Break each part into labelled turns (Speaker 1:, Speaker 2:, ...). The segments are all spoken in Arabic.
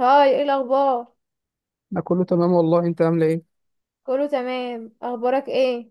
Speaker 1: هاي، ايه الاخبار؟
Speaker 2: انا كله تمام والله، انت عامله ايه؟
Speaker 1: كله تمام. اخبارك ايه؟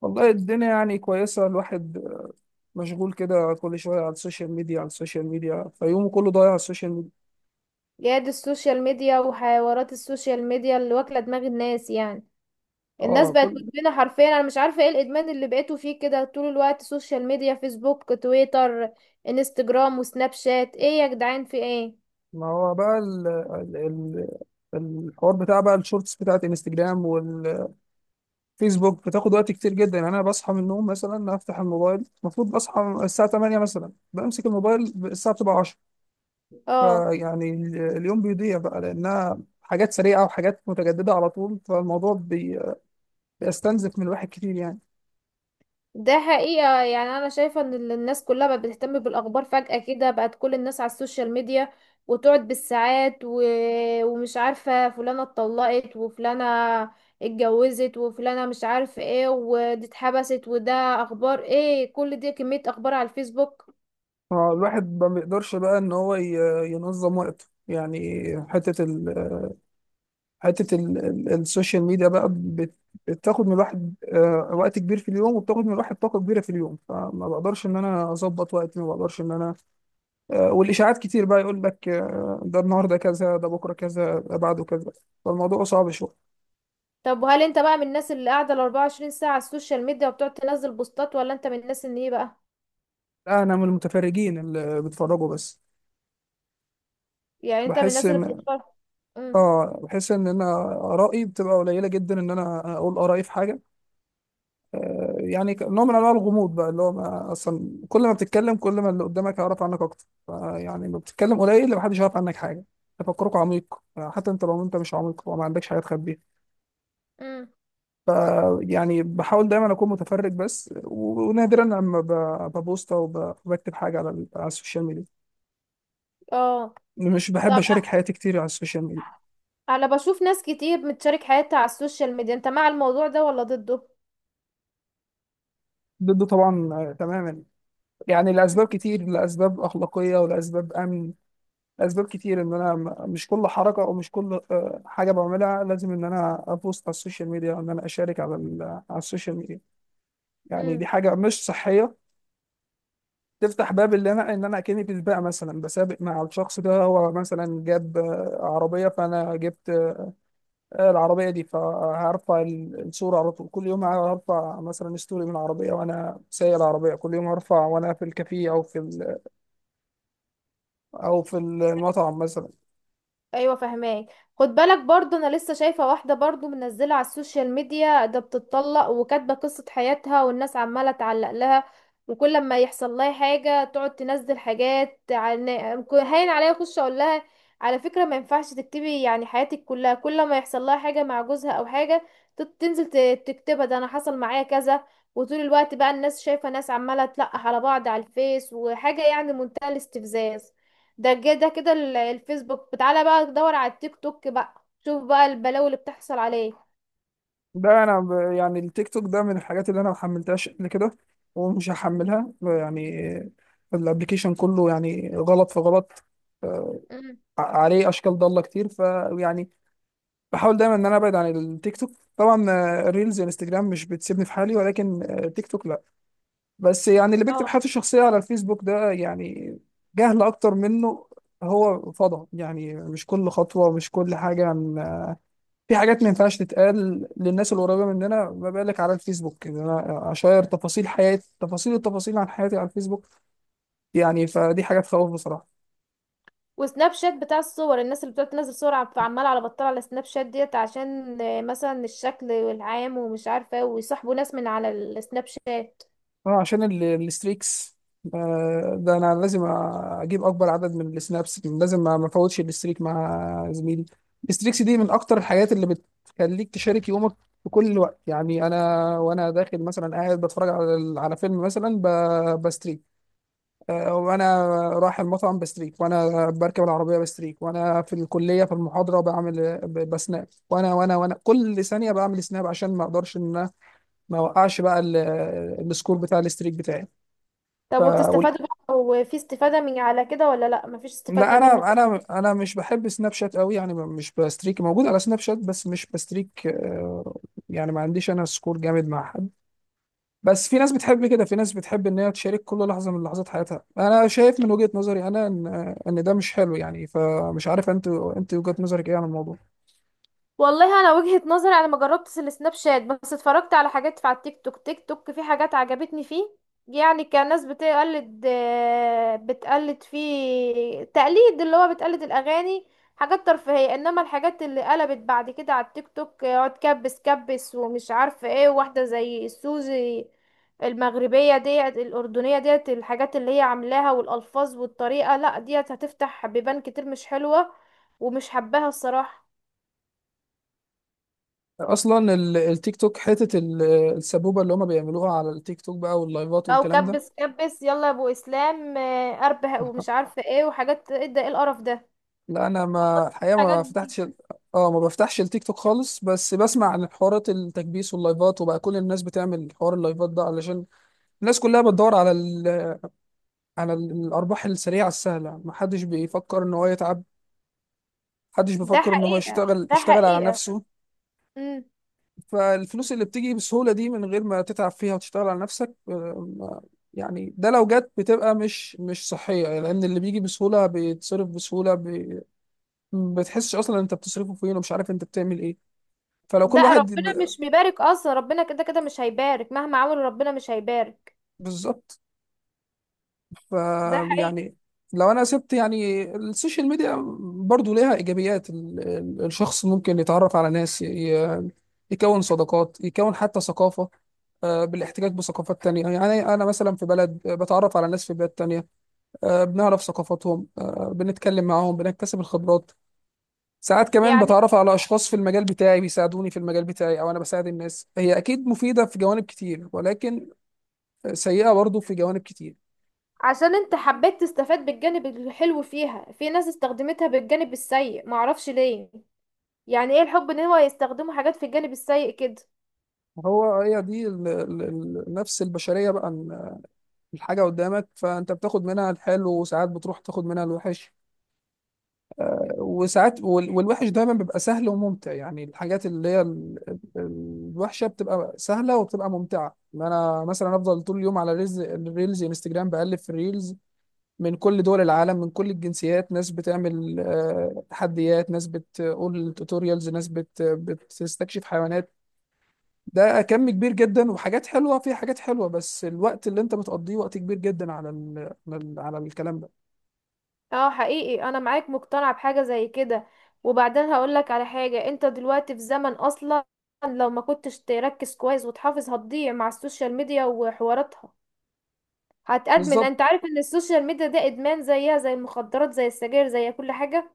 Speaker 2: والله الدنيا يعني كويسه. الواحد مشغول كده كل شويه على السوشيال ميديا، فيومه كله ضايع على السوشيال ميديا.
Speaker 1: يا دي السوشيال ميديا وحوارات السوشيال ميديا اللي واكله دماغ الناس يعني. الناس
Speaker 2: اه،
Speaker 1: بقت
Speaker 2: كل
Speaker 1: مدمنه حرفيا. انا مش عارفه ايه الادمان اللي بقيتوا فيه كده، طول الوقت سوشيال ميديا، فيسبوك، تويتر، انستجرام، وسناب شات. ايه يا جدعان، في ايه؟
Speaker 2: ما هو بقى الحوار بتاع بقى الشورتس بتاعت انستجرام والفيسبوك بتاخد وقت كتير جدا. يعني انا بصحى من النوم مثلا افتح الموبايل، المفروض بصحى الساعه 8 مثلا، بمسك الموبايل الساعه بتبقى 10.
Speaker 1: اه.
Speaker 2: فيعني اليوم بيضيع بقى لانها حاجات سريعه وحاجات متجدده على طول. فالموضوع بيستنزف من الواحد كتير يعني.
Speaker 1: ده حقيقة، يعني أنا شايفة إن الناس كلها بقت بتهتم بالأخبار فجأة كده، بقت كل الناس على السوشيال ميديا وتقعد بالساعات ومش عارفة فلانة اتطلقت وفلانة اتجوزت وفلانة مش عارف ايه، ودي اتحبست وده، أخبار ايه كل دي؟ كمية أخبار على الفيسبوك.
Speaker 2: هو الواحد ما بيقدرش بقى ان هو ينظم وقته يعني. حته ال... السوشيال ميديا بقى بتاخد من الواحد وقت كبير في اليوم، وبتاخد من الواحد طاقه كبيره في اليوم. فما بقدرش ان انا اظبط وقتي، ما بقدرش ان انا. والاشاعات كتير بقى، يقول لك ده النهارده كذا، ده بكره كذا، ده بعده كذا. فالموضوع صعب شويه.
Speaker 1: طب وهل انت بقى من الناس اللي قاعدة 24 ساعة على السوشيال ميديا وبتقعد تنزل بوستات، ولا انت من الناس اللي ايه بقى؟
Speaker 2: لا، انا من المتفرجين اللي بيتفرجوا بس.
Speaker 1: يعني انت من
Speaker 2: بحس
Speaker 1: الناس اللي
Speaker 2: ان،
Speaker 1: بتتفرج. امم.
Speaker 2: اه بحس ان انا ارائي بتبقى قليله جدا، ان انا اقول ارائي في حاجه. يعني نوع من انواع الغموض بقى، اللي هو ما اصلا كل ما بتتكلم كل ما اللي قدامك هيعرف عنك اكتر. يعني ما بتتكلم قليل محدش يعرف عنك حاجه، تفكرك عميق، حتى انت لو انت مش عميق وما عندكش حاجه تخبيها.
Speaker 1: امم.
Speaker 2: ف يعني بحاول دايما اكون متفرج بس، ونادرا لما ببوست او بكتب حاجه على على السوشيال ميديا.
Speaker 1: اه.
Speaker 2: مش بحب اشارك حياتي كتير على السوشيال ميديا.
Speaker 1: انا بشوف ناس كتير بتشارك حياتها على السوشيال ميديا، انت مع الموضوع ده ولا ضده؟
Speaker 2: ضده طبعا، تماما. يعني لاسباب كتير، لاسباب اخلاقيه ولاسباب امن، اسباب كتير. ان انا مش كل حركه او مش كل حاجه بعملها لازم ان انا ابوست على السوشيال ميديا، او ان انا اشارك على على السوشيال ميديا. يعني
Speaker 1: امم.
Speaker 2: دي حاجه مش صحيه. تفتح باب اللي انا ان انا اكني في سباق مثلا، بسابق مع الشخص ده. هو مثلا جاب عربيه فانا جبت العربيه دي، فهرفع الصوره على طول. كل يوم هرفع مثلا ستوري من العربيه وانا سايق العربيه، كل يوم هرفع وانا في الكافيه او في او في المطعم مثلا.
Speaker 1: ايوه، فهماك. خد بالك برضو، انا لسه شايفه واحده برضو منزله على السوشيال ميديا، ده بتتطلق وكاتبه قصه حياتها والناس عماله تعلق لها، وكل ما يحصل لها حاجه تقعد تنزل حاجات عن. هين عليا اخش اقول لها على فكره ما ينفعش تكتبي يعني حياتك كلها. كل ما يحصل لها حاجه مع جوزها او حاجه تنزل تكتبها، ده انا حصل معايا كذا. وطول الوقت بقى الناس شايفه ناس عماله تلقح على بعض على الفيس، وحاجه يعني منتهى الاستفزاز. ده كده ده كده الفيسبوك، تعالى بقى دور على التيك توك بقى، شوف بقى البلاوي اللي بتحصل عليه.
Speaker 2: ده انا يعني التيك توك ده من الحاجات اللي انا ما حملتهاش قبل كده، ومش هحملها يعني. الابلكيشن كله يعني غلط في غلط. آه،
Speaker 1: مم.
Speaker 2: عليه اشكال ضاله كتير. فيعني بحاول دايما ان انا ابعد عن التيك توك. طبعا الريلز والانستجرام مش بتسيبني في حالي، ولكن تيك توك لا. بس يعني اللي بيكتب
Speaker 1: اه.
Speaker 2: حياته الشخصيه على الفيسبوك ده يعني جهل اكتر منه. هو فضى يعني؟ مش كل خطوه، مش كل حاجه. في حاجات ما ينفعش تتقال للناس القريبه مننا، ما بالك على الفيسبوك ان انا اشير تفاصيل حياتي، تفاصيل التفاصيل عن حياتي على الفيسبوك. يعني فدي حاجه تخوف بصراحه.
Speaker 1: وسناب شات بتاع الصور، الناس اللي بتقعد تنزل صور عماله على بطال على سناب شات ديت، عشان مثلا الشكل والعام ومش عارفه إيه، ويصاحبوا ناس من على السناب شات.
Speaker 2: اه، عشان الستريكس. ده انا لازم اجيب اكبر عدد من السنابس، لازم ما افوتش الستريك مع زميلي. الستريكس دي من اكتر الحاجات اللي بتخليك تشارك يومك في كل الوقت. يعني انا وانا داخل مثلا، قاعد بتفرج على على فيلم مثلا بستريك، وانا رايح المطعم بستريك، وانا بركب العربيه بستريك، وانا في الكليه في المحاضره بعمل بسناب، وانا وانا وانا كل ثانيه بعمل سناب عشان ما اقدرش ان أنا ما اوقعش بقى السكور بتاع الستريك بتاعي. ف
Speaker 1: طب
Speaker 2: وال-
Speaker 1: وبتستفادوا بقى؟ وفي استفاده من على كده ولا لا، مفيش
Speaker 2: لا،
Speaker 1: استفاده منه؟
Speaker 2: انا مش بحب سناب شات قوي يعني. مش بستريك. موجود على سناب شات بس مش بستريك. يعني ما عنديش انا سكور جامد مع حد. بس في ناس بتحب كده، في ناس بتحب ان هي تشارك كل لحظه من لحظات حياتها. انا شايف من وجهه نظري انا ان ده مش حلو يعني. فمش عارف انت وجهه نظرك ايه عن الموضوع.
Speaker 1: والله، انا وجهة نظري انا ما جربتش السناب شات، بس اتفرجت على حاجات في على التيك توك. تيك توك في حاجات عجبتني فيه، يعني كان ناس بتقلد، بتقلد فيه تقليد اللي هو بتقلد الاغاني، حاجات ترفيهية. انما الحاجات اللي قلبت بعد كده على التيك توك، اقعد كبس كبس ومش عارفة ايه، واحدة زي سوزي المغربية ديت، الأردنية ديت، الحاجات اللي هي عاملاها والألفاظ والطريقة، لا ديت هتفتح بيبان كتير مش حلوة، ومش حباها الصراحة.
Speaker 2: اصلا التيك توك حته السبوبه اللي هم بيعملوها على التيك توك بقى، واللايفات
Speaker 1: او
Speaker 2: والكلام ده.
Speaker 1: كبس كبس، يلا يا ابو اسلام، اربح ومش عارفه ايه، وحاجات ايه ده؟ ايه القرف ده؟
Speaker 2: لا انا، ما الحقيقه
Speaker 1: الحاجات
Speaker 2: ما
Speaker 1: دي.
Speaker 2: فتحتش اه، ما بفتحش التيك توك خالص، بس بسمع عن حوارات التكبيس واللايفات. وبقى كل الناس بتعمل حوار اللايفات ده علشان الناس كلها بتدور على الارباح السريعه السهله. ما حدش بيفكر ان هو يتعب، محدش
Speaker 1: ده
Speaker 2: بيفكر ان هو
Speaker 1: حقيقه،
Speaker 2: يشتغل،
Speaker 1: ده
Speaker 2: يشتغل على
Speaker 1: حقيقه.
Speaker 2: نفسه.
Speaker 1: امم.
Speaker 2: فالفلوس اللي بتيجي بسهولة دي من غير ما تتعب فيها وتشتغل على نفسك، ما- يعني ده لو جت بتبقى مش صحية، لأن اللي بيجي بسهولة بيتصرف بسهولة. ما بتحسش أصلا أنت بتصرفه فين، ومش عارف أنت بتعمل إيه. فلو
Speaker 1: ده
Speaker 2: كل واحد
Speaker 1: ربنا مش بيبارك اصلا، ربنا كده كده مش هيبارك مهما عملوا، ربنا مش هيبارك.
Speaker 2: بالظبط. ف
Speaker 1: ده حقيقي.
Speaker 2: يعني لو أنا سبت يعني السوشيال ميديا، برضو ليها إيجابيات. الشخص ممكن يتعرف على ناس، يكون صداقات، يكون حتى ثقافة، بالاحتكاك بثقافات تانية. يعني أنا مثلا في بلد، بتعرف على ناس في بلاد تانية، بنعرف ثقافاتهم، بنتكلم معاهم، بنكتسب الخبرات. ساعات كمان
Speaker 1: يعني
Speaker 2: بتعرف على أشخاص في المجال بتاعي بيساعدوني في المجال بتاعي، أو أنا بساعد الناس. هي أكيد مفيدة في جوانب كتير، ولكن سيئة برضو في جوانب كتير.
Speaker 1: عشان انت حبيت تستفاد بالجانب الحلو فيها، في ناس استخدمتها بالجانب السيء، معرفش ليه. يعني ايه الحب ان هو يستخدموا حاجات في الجانب السيء كده؟
Speaker 2: هو هي دي نفس البشرية بقى. إن الحاجة قدامك فأنت بتاخد منها الحلو، وساعات بتروح تاخد منها الوحش. وساعات والوحش دايما بيبقى سهل وممتع. يعني الحاجات اللي هي الوحشه بتبقى سهله وبتبقى ممتعه. ما انا مثلا افضل طول اليوم على ريلز، الريلز انستجرام بقلب في الريلز من كل دول العالم من كل الجنسيات. ناس بتعمل تحديات، ناس بتقول توتوريالز، ناس بتستكشف حيوانات. ده كم كبير جدا، وحاجات حلوه، في حاجات حلوه، بس الوقت اللي انت بتقضيه وقت كبير جدا على ال على, ال على الكلام ده.
Speaker 1: اه، حقيقي انا معاك، مقتنعة بحاجة زي كده. وبعدين هقولك على حاجة، انت دلوقتي في زمن اصلا لو ما كنتش تركز كويس وتحافظ هتضيع مع السوشيال ميديا وحواراتها. هتأدمن،
Speaker 2: بالظبط.
Speaker 1: انت عارف ان السوشيال ميديا ده ادمان، زيها زي المخدرات، زي السجاير، زي كل حاجة.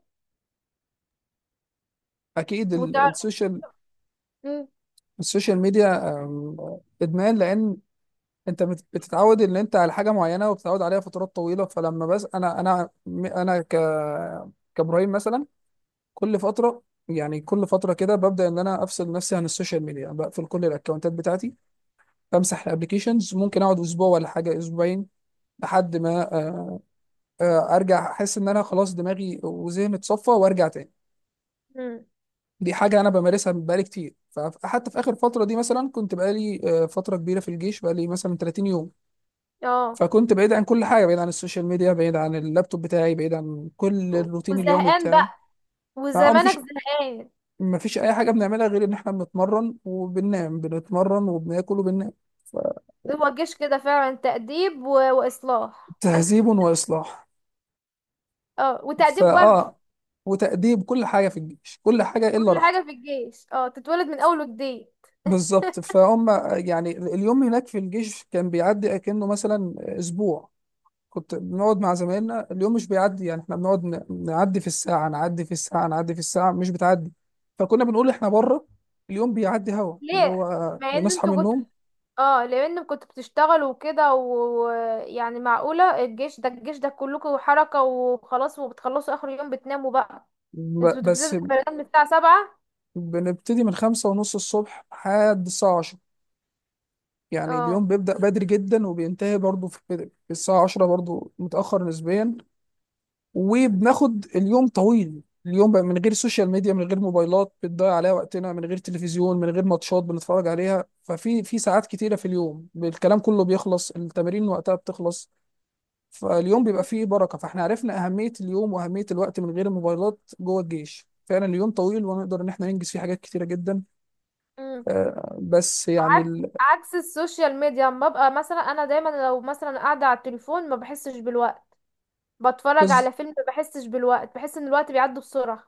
Speaker 2: اكيد
Speaker 1: وتعرف. مم.
Speaker 2: السوشيال ميديا ادمان، لان انت بتتعود ان انت على حاجه معينه وبتتعود عليها فترات طويله. فلما، بس انا انا انا ك كابراهيم مثلا، كل فتره، يعني كل فتره كده ببدا ان انا افصل نفسي عن السوشيال ميديا. بقفل كل الاكونتات بتاعتي، بمسح الابلكيشنز، ممكن اقعد اسبوع ولا حاجه، اسبوعين، لحد ما ارجع احس ان انا خلاص دماغي وذهني اتصفى، وارجع تاني.
Speaker 1: مم.
Speaker 2: دي حاجة أنا بمارسها بقالي كتير. فحتى في آخر فترة دي مثلا، كنت بقالي فترة كبيرة في الجيش، بقالي مثلا 30 يوم.
Speaker 1: اه.
Speaker 2: فكنت بعيد عن كل حاجة، بعيد عن السوشيال ميديا، بعيد عن اللابتوب بتاعي، بعيد عن كل الروتين اليومي
Speaker 1: وزهقان بقى؟
Speaker 2: بتاعي.
Speaker 1: وزمانك
Speaker 2: مفيش،
Speaker 1: زهقان.
Speaker 2: أي حاجة بنعملها غير إن إحنا بنتمرن وبننام، بنتمرن وبناكل وبننام.
Speaker 1: هو الجيش كده فعلا تأديب واصلاح.
Speaker 2: تهذيب وإصلاح،
Speaker 1: اه، وتأديب برضه.
Speaker 2: فأه وتأديب. كل حاجة في الجيش، كل حاجة إلا
Speaker 1: كل
Speaker 2: راحتك.
Speaker 1: حاجة في الجيش اه، تتولد من اول وجديد.
Speaker 2: بالظبط. فهم يعني اليوم هناك في الجيش كان بيعدي كأنه مثلا أسبوع. كنت بنقعد مع زمايلنا، اليوم مش بيعدي، يعني احنا بنقعد نعدي في الساعة، نعدي في الساعة، نعدي في الساعة، مش بتعدي. فكنا بنقول احنا بره. اليوم بيعدي، هوا اللي
Speaker 1: ليه؟
Speaker 2: هو
Speaker 1: مع ان
Speaker 2: بنصحى من
Speaker 1: انتوا كنت،
Speaker 2: النوم،
Speaker 1: اه لان كنتوا بتشتغلوا وكده، ويعني معقولة الجيش ده؟ الجيش ده كلكم حركة وخلاص، وبتخلصوا اخر يوم بتناموا بقى. انتوا بتبتدوا
Speaker 2: بس
Speaker 1: التمرين من الساعة 7؟
Speaker 2: بنبتدي من 5:30 الصبح لحد الساعة 10. يعني
Speaker 1: اه.
Speaker 2: اليوم بيبدأ بدري جدا وبينتهي برضه في الساعة 10 برضه، متأخر نسبيا. وبناخد اليوم طويل. اليوم بقى من غير سوشيال ميديا، من غير موبايلات بتضيع عليها وقتنا، من غير تلفزيون، من غير ماتشات بنتفرج عليها، ففي ساعات كتيرة في اليوم. الكلام كله بيخلص، التمارين وقتها بتخلص، فاليوم بيبقى
Speaker 1: أم.
Speaker 2: فيه بركة. فاحنا عرفنا أهمية اليوم وأهمية الوقت من غير الموبايلات جوه الجيش. فعلا اليوم طويل، ونقدر إن احنا ننجز فيه حاجات كتيرة جدا.
Speaker 1: أم.
Speaker 2: آه، بس يعني
Speaker 1: عك-
Speaker 2: ال-
Speaker 1: عكس السوشيال ميديا، اما ببقى مثلا انا دايما لو مثلا قاعدة على التليفون ما بحسش بالوقت، بتفرج
Speaker 2: بز-
Speaker 1: على فيلم ما بحسش بالوقت، بحس ان الوقت بيعدي بسرعة.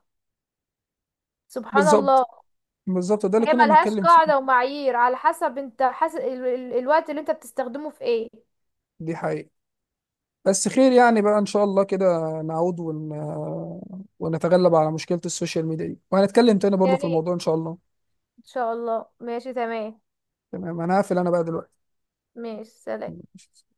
Speaker 1: سبحان
Speaker 2: بالظبط،
Speaker 1: الله.
Speaker 2: بالظبط ده اللي
Speaker 1: هي
Speaker 2: كنا
Speaker 1: ملهاش
Speaker 2: بنتكلم فيه.
Speaker 1: قاعدة ومعايير، على حسب انت حاسس الوقت اللي انت بتستخدمه في ايه.
Speaker 2: دي حقيقة. بس خير يعني بقى إن شاء الله كده، نعود ونتغلب على مشكلة السوشيال ميديا دي. وهنتكلم تاني
Speaker 1: يا
Speaker 2: برضو في
Speaker 1: ريت.
Speaker 2: الموضوع إن شاء الله.
Speaker 1: ان شاء الله. ماشي تمام.
Speaker 2: تمام، أنا هقفل أنا بقى
Speaker 1: ماشي، سلام.
Speaker 2: دلوقتي.